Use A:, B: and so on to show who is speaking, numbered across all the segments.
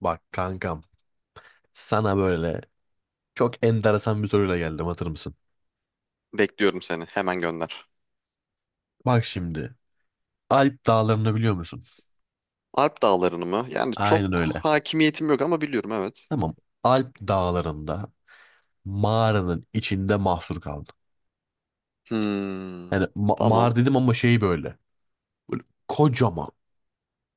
A: Bak kankam sana böyle çok enteresan bir soruyla geldim hatır mısın?
B: Bekliyorum seni. Hemen gönder.
A: Bak şimdi Alp dağlarını biliyor musun?
B: Alp dağlarını mı? Yani çok
A: Aynen öyle.
B: hakimiyetim yok ama biliyorum evet.
A: Tamam. Alp dağlarında mağaranın içinde mahsur kaldım.
B: Hmm,
A: Yani
B: tamam.
A: mağara dedim ama şey böyle. Böyle kocaman.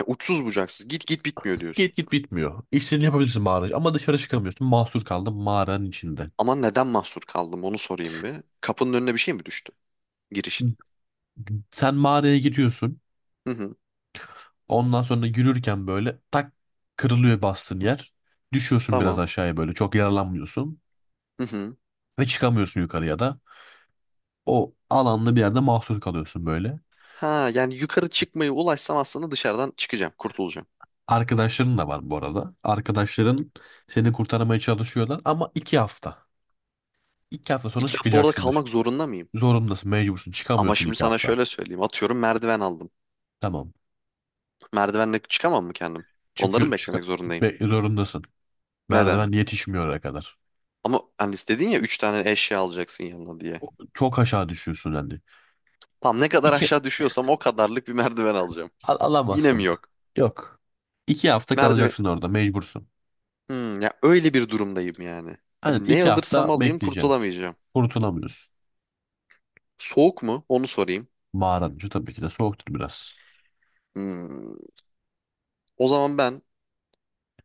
B: Ya uçsuz bucaksız. Git git bitmiyor
A: Git
B: diyorsun.
A: git bitmiyor. İstediğini yapabilirsin mağarada ama dışarı çıkamıyorsun. Mahsur kaldım mağaranın içinde.
B: Ama neden mahsur kaldım onu sorayım bir. Kapının önüne bir şey mi düştü? Girişini.
A: Sen mağaraya giriyorsun.
B: Hı hı.
A: Ondan sonra yürürken böyle tak, kırılıyor bastığın yer. Düşüyorsun biraz
B: Tamam.
A: aşağıya böyle. Çok yaralanmıyorsun.
B: Hı hı.
A: Ve çıkamıyorsun yukarıya da. O alanlı bir yerde mahsur kalıyorsun böyle.
B: Ha yani yukarı çıkmayı ulaşsam aslında dışarıdan çıkacağım. Kurtulacağım.
A: Arkadaşların da var bu arada. Arkadaşların seni kurtarmaya çalışıyorlar ama 2 hafta. 2 hafta sonra
B: 2 hafta orada
A: çıkacaksın dışarı.
B: kalmak zorunda mıyım?
A: Zorundasın, mecbursun.
B: Ama
A: Çıkamıyorsun
B: şimdi
A: iki
B: sana
A: hafta.
B: şöyle söyleyeyim. Atıyorum merdiven aldım.
A: Tamam.
B: Merdivenle çıkamam mı kendim? Onları
A: Çıkıyor,
B: mı beklemek zorundayım?
A: zorundasın.
B: Neden?
A: Merdiven yetişmiyor oraya kadar.
B: Ama hani dedin ya 3 tane eşya alacaksın yanına diye.
A: Çok aşağı düşüyorsun hani.
B: Tam ne kadar
A: İki
B: aşağı düşüyorsam o kadarlık bir merdiven alacağım. Yine mi
A: alamazsın.
B: yok?
A: Yok. 2 hafta
B: Merdiven.
A: kalacaksın orada, mecbursun.
B: Ya öyle bir durumdayım yani.
A: Hani
B: Hani ne
A: 2 hafta
B: alırsam alayım
A: bekleyeceksin.
B: kurtulamayacağım.
A: Kurtulamıyorsun.
B: Soğuk mu? Onu sorayım.
A: Mağaranın içi tabii ki de soğuktur biraz.
B: Hmm, o zaman ben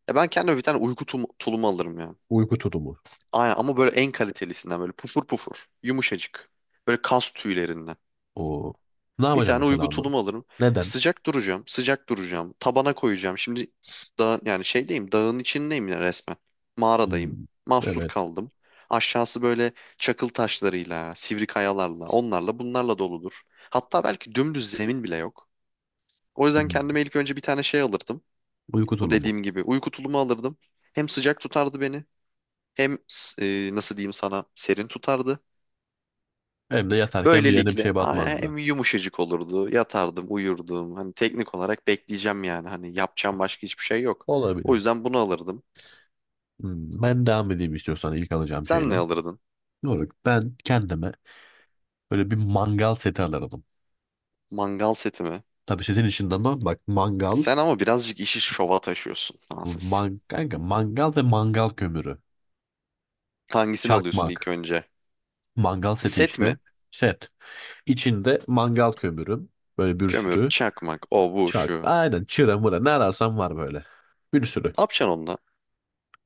B: ya ben kendime bir tane uyku tulumu alırım ya.
A: Uyku tutumu.
B: Aynen ama böyle en kalitelisinden böyle pufur pufur, yumuşacık. Böyle kas tüylerinden.
A: O. Ne
B: Bir
A: yapacağım
B: tane uygu
A: mesela onu?
B: tulumu alırım. E,
A: Neden?
B: sıcak duracağım, sıcak duracağım. Tabana koyacağım. Şimdi dağ, yani şeydeyim, dağın içindeyim ya resmen. Mağaradayım.
A: Hmm.
B: Mahsur
A: Evet.
B: kaldım. Aşağısı böyle çakıl taşlarıyla, sivri kayalarla, onlarla bunlarla doludur. Hatta belki dümdüz zemin bile yok. O yüzden
A: Hmm.
B: kendime ilk önce bir tane şey alırdım.
A: Uyku
B: Bu
A: tulumu.
B: dediğim gibi uyku tulumu alırdım. Hem sıcak tutardı beni, hem nasıl diyeyim sana serin tutardı.
A: Hem de yatarken bir yerine bir
B: Böylelikle
A: şey batmazdı.
B: hem yumuşacık olurdu. Yatardım, uyurdum. Hani teknik olarak bekleyeceğim yani. Hani yapacağım başka hiçbir şey yok. O
A: Olabilir.
B: yüzden bunu alırdım.
A: Hmm. Ben devam edeyim istiyorsan ilk alacağım
B: Sen
A: şeyle.
B: ne alırdın?
A: Doğru. Ben kendime böyle bir mangal seti alırdım.
B: Mangal seti mi?
A: Tabii setin içinde ama bak mangal,
B: Sen ama birazcık işi şova taşıyorsun Hafız.
A: man, kanka, mangal ve mangal kömürü.
B: Hangisini alıyorsun ilk
A: Çakmak.
B: önce?
A: Mangal seti
B: Set mi?
A: işte. Set. İçinde mangal kömürüm. Böyle bir
B: Kömür,
A: sürü.
B: çakmak, o bu
A: Çak.
B: şu.
A: Aynen çıra mıra ne ararsan var böyle. Bir sürü.
B: Ne yapacaksın onunla?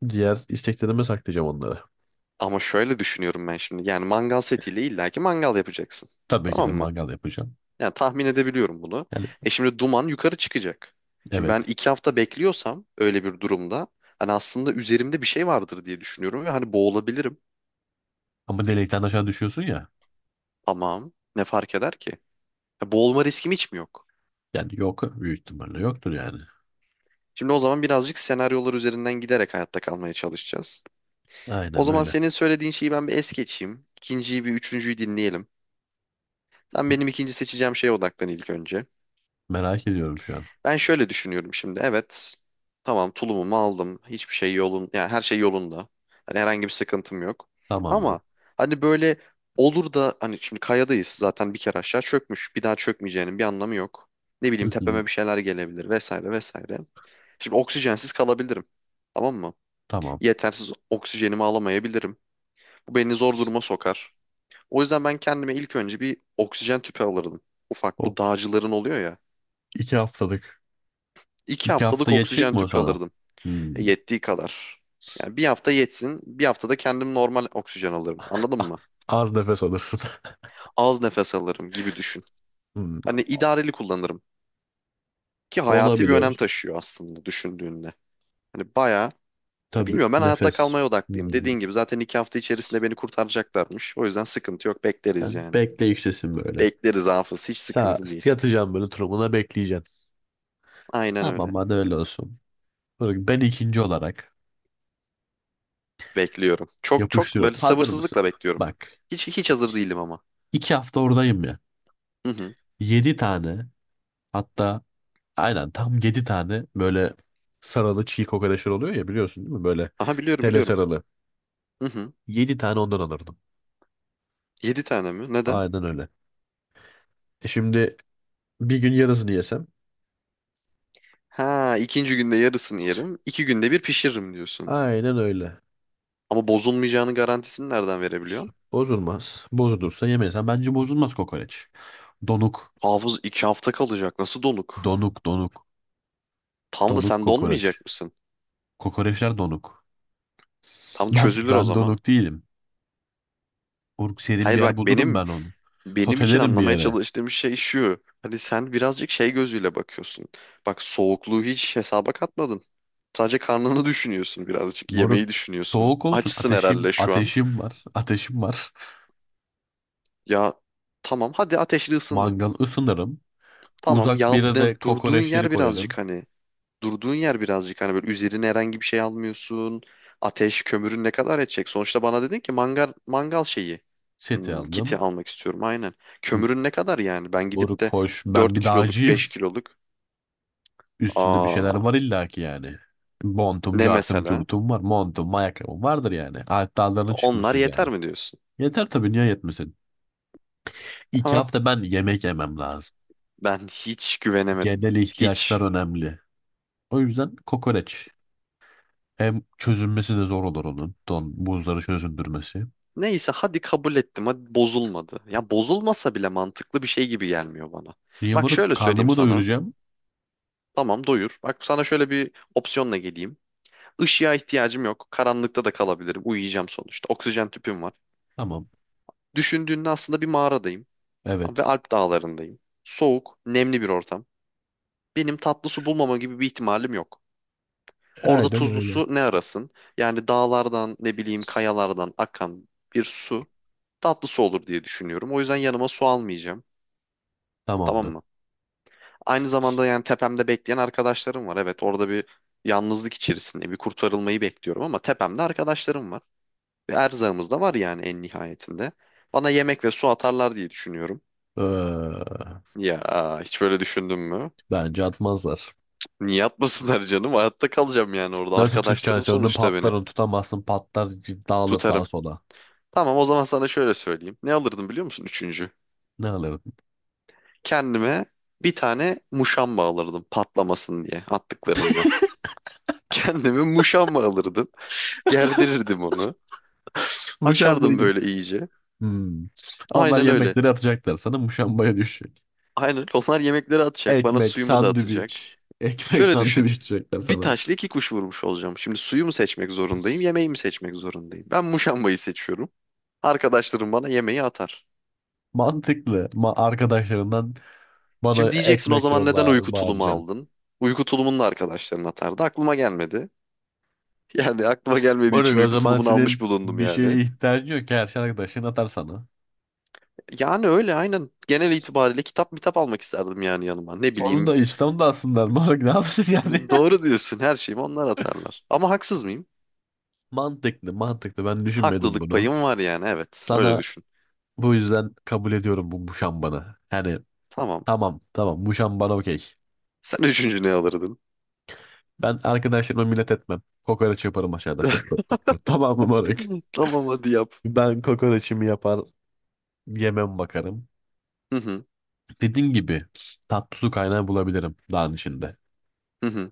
A: Diğer isteklerime saklayacağım onları.
B: Ama şöyle düşünüyorum ben şimdi. Yani mangal setiyle illaki mangal yapacaksın.
A: Tabii ki de
B: Tamam mı?
A: mangal yapacağım.
B: Yani tahmin edebiliyorum bunu.
A: Yani,
B: E şimdi duman yukarı çıkacak. Şimdi ben
A: evet.
B: 2 hafta bekliyorsam öyle bir durumda hani aslında üzerimde bir şey vardır diye düşünüyorum ve hani boğulabilirim.
A: Ama delikten aşağı düşüyorsun ya.
B: Tamam. Ne fark eder ki? Ya boğulma riskim hiç mi yok?
A: Yani yok, büyük ihtimalle yoktur yani.
B: Şimdi o zaman birazcık senaryolar üzerinden giderek hayatta kalmaya çalışacağız. O
A: Aynen
B: zaman
A: öyle.
B: senin söylediğin şeyi ben bir es geçeyim. İkinciyi bir üçüncüyü dinleyelim. Sen benim ikinci seçeceğim şeye odaklan ilk önce.
A: Merak ediyorum şu an.
B: Ben şöyle düşünüyorum şimdi. Evet. Tamam tulumumu aldım. Hiçbir şey yolun yani her şey yolunda. Hani herhangi bir sıkıntım yok.
A: Tamamdır.
B: Ama hani böyle olur da hani şimdi kayadayız zaten bir kere aşağı çökmüş. Bir daha çökmeyeceğinin bir anlamı yok. Ne
A: Hı
B: bileyim
A: hı.
B: tepeme bir şeyler gelebilir vesaire vesaire. Şimdi oksijensiz kalabilirim. Tamam mı?
A: Tamam.
B: Yetersiz oksijenimi alamayabilirim. Bu beni zor duruma sokar. O yüzden ben kendime ilk önce bir oksijen tüpü alırdım. Ufak
A: O
B: bu dağcıların oluyor ya.
A: 2 haftalık.
B: İki
A: İki hafta
B: haftalık
A: geçecek
B: oksijen
A: mi o
B: tüpü
A: sana?
B: alırdım.
A: Hmm.
B: Yettiği kadar. Yani bir hafta yetsin, bir haftada kendim normal oksijen alırım. Anladın
A: Ah.
B: mı?
A: Az nefes alırsın.
B: Az nefes alırım gibi düşün.
A: Hmm.
B: Hani idareli kullanırım. Ki hayati bir önem
A: Olabilir.
B: taşıyor aslında düşündüğünde. Hani bayağı, ya
A: Tabii,
B: bilmiyorum ben hayatta
A: nefes.
B: kalmaya odaklıyım.
A: Hmm.
B: Dediğin gibi zaten 2 hafta içerisinde beni kurtaracaklarmış. O yüzden sıkıntı yok, bekleriz
A: Sen
B: yani.
A: bekleyiştesin böyle.
B: Bekleriz Hafız, hiç
A: Sağ,
B: sıkıntı değil.
A: yatacağım böyle turumuna bekleyeceğim.
B: Aynen öyle.
A: Tamam, hadi öyle olsun. Böyle, ben ikinci olarak
B: Bekliyorum. Çok çok
A: yapıştırıyorum.
B: böyle
A: Hazır mısın?
B: sabırsızlıkla bekliyorum.
A: Bak.
B: Hiç hiç hazır değilim ama.
A: 2 hafta oradayım ya.
B: Hı hı.
A: Yedi tane, hatta aynen tam yedi tane böyle sarılı çiğ kokoreçler oluyor ya, biliyorsun değil mi? Böyle
B: Aha biliyorum
A: tele
B: biliyorum.
A: sarılı.
B: Hı hı.
A: Yedi tane ondan alırdım.
B: 7 tane mi? Neden?
A: Aynen öyle. E şimdi bir gün yarısını yesem.
B: Ha, ikinci günde yarısını yerim. İki günde bir pişiririm diyorsun.
A: Aynen öyle.
B: Ama bozulmayacağını garantisini nereden verebiliyorsun?
A: Bozulmaz. Bozulursa yemeyesen, bence bozulmaz kokoreç. Donuk.
B: Hafız 2 hafta kalacak. Nasıl donuk?
A: Donuk donuk.
B: Tam da
A: Donuk
B: sen
A: kokoreç.
B: donmayacak mısın?
A: Kokoreçler donuk.
B: Tam
A: Ben
B: çözülür o
A: ben
B: zaman.
A: donuk değilim. Uruk serin bir
B: Hayır
A: yer
B: bak
A: bulurum
B: benim
A: ben onu.
B: benim için
A: Sotelerim bir
B: anlamaya
A: yere.
B: çalıştığım şey şu. Hani sen birazcık şey gözüyle bakıyorsun. Bak soğukluğu hiç hesaba katmadın. Sadece karnını düşünüyorsun birazcık.
A: Moruk
B: Yemeği düşünüyorsun.
A: soğuk olsun.
B: Açsın
A: Ateşim
B: herhalde şu an.
A: ateşim var. Ateşim var.
B: Ya tamam hadi ateşli ısındın.
A: Mangal ısınırım.
B: Tamam
A: Uzak bir
B: yal,
A: yere de
B: durduğun
A: kokoreçleri
B: yer birazcık
A: koyarım.
B: hani. Durduğun yer birazcık hani böyle üzerine herhangi bir şey almıyorsun. Ateş, kömürün ne kadar edecek? Sonuçta bana dedin ki mangal mangal şeyi,
A: Seti
B: kiti
A: aldım.
B: almak istiyorum aynen.
A: M-
B: Kömürün ne kadar yani? Ben gidip
A: Moruk
B: de
A: hoş. Ben
B: 4
A: bir
B: kiloluk,
A: dağcıyım.
B: 5 kiloluk
A: Üstümde bir şeyler
B: aa
A: var illaki yani. Montum,
B: ne
A: cartım,
B: mesela?
A: curtum var. Montum, ayakkabım vardır yani. Alp dağlarına
B: Onlar
A: çıkmışız
B: yeter
A: yani.
B: mi diyorsun?
A: Yeter tabii, niye yetmesin? İki
B: Ama
A: hafta ben yemek yemem lazım.
B: ben hiç güvenemedim.
A: Genel ihtiyaçlar
B: Hiç.
A: önemli. O yüzden kokoreç. Hem çözünmesi de zor olur onun. Don, buzları çözündürmesi.
B: Neyse hadi kabul ettim. Hadi bozulmadı. Ya bozulmasa bile mantıklı bir şey gibi gelmiyor bana.
A: Niye
B: Bak
A: bunu
B: şöyle söyleyeyim
A: karnımı
B: sana.
A: doyuracağım?
B: Tamam doyur. Bak sana şöyle bir opsiyonla geleyim. Işığa ihtiyacım yok. Karanlıkta da kalabilirim. Uyuyacağım sonuçta. Oksijen tüpüm var.
A: Tamam.
B: Düşündüğünde aslında bir mağaradayım. Ve
A: Evet.
B: Alp dağlarındayım. Soğuk, nemli bir ortam. Benim tatlı su bulmama gibi bir ihtimalim yok. Orada
A: Aynen
B: tuzlu
A: öyle.
B: su ne arasın? Yani dağlardan, ne bileyim kayalardan akan bir su tatlı su olur diye düşünüyorum. O yüzden yanıma su almayacağım. Tamam
A: Tamamdır.
B: mı? Aynı zamanda yani tepemde bekleyen arkadaşlarım var. Evet orada bir yalnızlık içerisinde bir kurtarılmayı bekliyorum ama tepemde arkadaşlarım var. Bir erzağımız da var yani en nihayetinde. Bana yemek ve su atarlar diye düşünüyorum.
A: Ee,
B: Ya hiç böyle düşündün mü?
A: bence atmazlar.
B: Niye atmasınlar canım? Hayatta kalacağım yani orada.
A: Nasıl
B: Arkadaşlarım
A: tutacaksın onu,
B: sonuçta
A: patlar,
B: beni.
A: onu tutamazsın, patlar, dağılır sağa
B: Tutarım.
A: sola.
B: Tamam o zaman sana şöyle söyleyeyim. Ne alırdım biliyor musun üçüncü?
A: Ne alırdın?
B: Kendime bir tane muşamba alırdım patlamasın diye attıklarında. Kendime muşamba alırdım. Gerdirirdim onu. Açardım
A: Muşambayı.
B: böyle iyice.
A: Hmm. Onlar
B: Aynen öyle.
A: yemekleri atacaklar, sana muşambaya düşecek.
B: Aynen öyle. Onlar yemekleri atacak. Bana
A: Ekmek,
B: suyumu da atacak.
A: sandviç. Ekmek
B: Şöyle
A: sandviç
B: düşün.
A: diyecekler
B: Bir
A: sana.
B: taşla iki kuş vurmuş olacağım. Şimdi suyu mu seçmek zorundayım, yemeği mi seçmek zorundayım? Ben muşambayı seçiyorum. Arkadaşlarım bana yemeği atar.
A: Mantıklı. Ma arkadaşlarından bana
B: Şimdi diyeceksin o
A: ekmek
B: zaman neden
A: yolla
B: uyku tulumu
A: bağıracaksın.
B: aldın? Uyku tulumunu da arkadaşların atardı. Aklıma gelmedi. Yani aklıma gelmediği için
A: Böyle o
B: uyku
A: zaman
B: tulumunu almış
A: senin
B: bulundum
A: bir
B: yani.
A: şeye ihtiyacın yok ki, her şey arkadaşın atar sana.
B: Yani öyle aynen. Genel itibariyle kitap mitap almak isterdim yani yanıma. Ne
A: Onu
B: bileyim.
A: da İslam'da alsınlar. Moruk ne yapsın yani?
B: Doğru diyorsun her şeyimi onlar atarlar. Ama haksız mıyım?
A: Mantıklı, mantıklı. Ben düşünmedim
B: Haklılık
A: bunu.
B: payım var yani evet. Öyle
A: Sana
B: düşün.
A: bu yüzden kabul ediyorum bu muşambanı. Yani
B: Tamam.
A: tamam, tamam. Muşambana okey.
B: Sen üçüncü ne alırdın?
A: Ben arkadaşlarıma minnet etmem. Kokoreç yaparım aşağıda. Pıt pıt pıt pıt. Tamam mı moruk?
B: Tamam hadi yap.
A: Ben kokoreçimi yapar, yemem bakarım.
B: Hı hı.
A: Dediğin gibi tatlı su kaynağı bulabilirim dağın içinde.
B: Hı hı.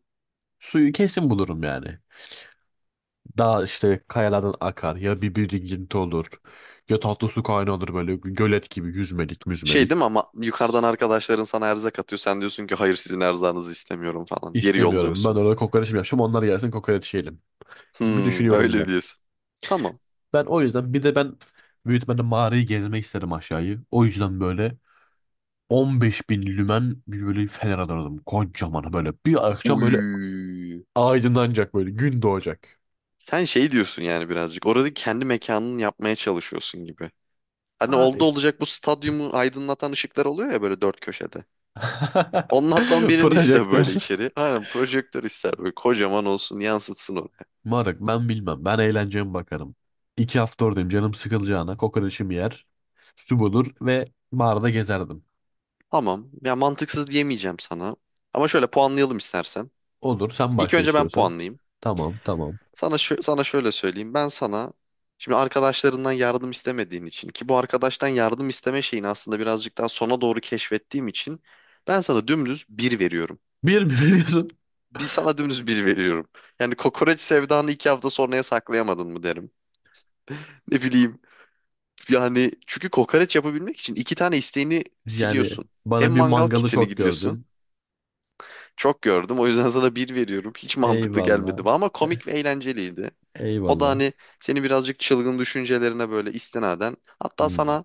A: Suyu kesin bulurum yani. Dağ işte, kayalardan akar ya, bir birikinti olur ya, tatlı su kaynağı olur böyle gölet gibi, yüzmelik
B: Şey
A: müzmelik.
B: değil mi ama yukarıdan arkadaşların sana erzak atıyor. Sen diyorsun ki hayır sizin erzağınızı istemiyorum falan. Geri
A: İstemiyorum, ben
B: yolluyorsun.
A: orada kokoreç mi yapacağım, onlar gelsin kokoreç yiyelim gibi
B: Hmm,
A: düşünüyorum
B: öyle
A: ben.
B: diyorsun. Tamam.
A: Ben o yüzden, bir de ben büyük ihtimalle mağarayı gezmek isterim aşağıyı. O yüzden böyle 15 bin lümen bir böyle fener alırdım, kocaman böyle, bir akşam böyle
B: Uy.
A: aydınlanacak, böyle gün doğacak.
B: Sen şey diyorsun yani birazcık. Orada kendi mekanını yapmaya çalışıyorsun gibi. Hani oldu
A: Ay.
B: olacak bu stadyumu aydınlatan ışıklar oluyor ya böyle dört köşede. Onlardan birini iste
A: Projektör.
B: böyle içeri. Aynen projektör ister böyle kocaman olsun yansıtsın onu.
A: Moruk ben bilmem. Ben eğlenceye bakarım. 2 hafta oradayım. Canım sıkılacağına kokoreçimi yer, su bulur ve barda gezerdim.
B: Tamam. Ya mantıksız diyemeyeceğim sana. Ama şöyle puanlayalım istersen.
A: Olur, sen
B: İlk
A: başla
B: önce ben
A: istiyorsan.
B: puanlayayım.
A: Tamam, tamam.
B: Sana şöyle söyleyeyim. Ben sana şimdi arkadaşlarından yardım istemediğin için ki bu arkadaştan yardım isteme şeyini aslında birazcık daha sona doğru keşfettiğim için ben sana dümdüz bir veriyorum.
A: Bir mi veriyorsun?
B: Bir sana dümdüz bir veriyorum. Yani kokoreç sevdanı 2 hafta sonraya saklayamadın mı derim. Ne bileyim yani çünkü kokoreç yapabilmek için iki tane isteğini
A: Yani
B: siliyorsun. Hem
A: bana bir
B: mangal
A: mangalı
B: kitini
A: çok
B: gidiyorsun.
A: gördün.
B: Çok gördüm o yüzden sana bir veriyorum. Hiç mantıklı
A: Eyvallah.
B: gelmedi bana ama komik ve eğlenceliydi. O da
A: Eyvallah.
B: hani seni birazcık çılgın düşüncelerine böyle istinaden. Hatta
A: Hmm.
B: sana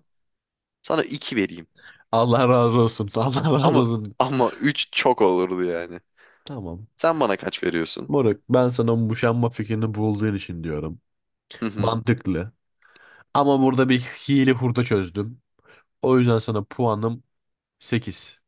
B: sana 2 vereyim.
A: Allah razı olsun. Allah razı
B: Ama
A: olsun.
B: ama 3 çok olurdu yani.
A: Tamam.
B: Sen bana kaç veriyorsun?
A: Moruk, ben sana bu boşanma fikrini bulduğun için diyorum. Mantıklı. Ama burada bir hile hurda çözdüm. O yüzden sana puanım 8.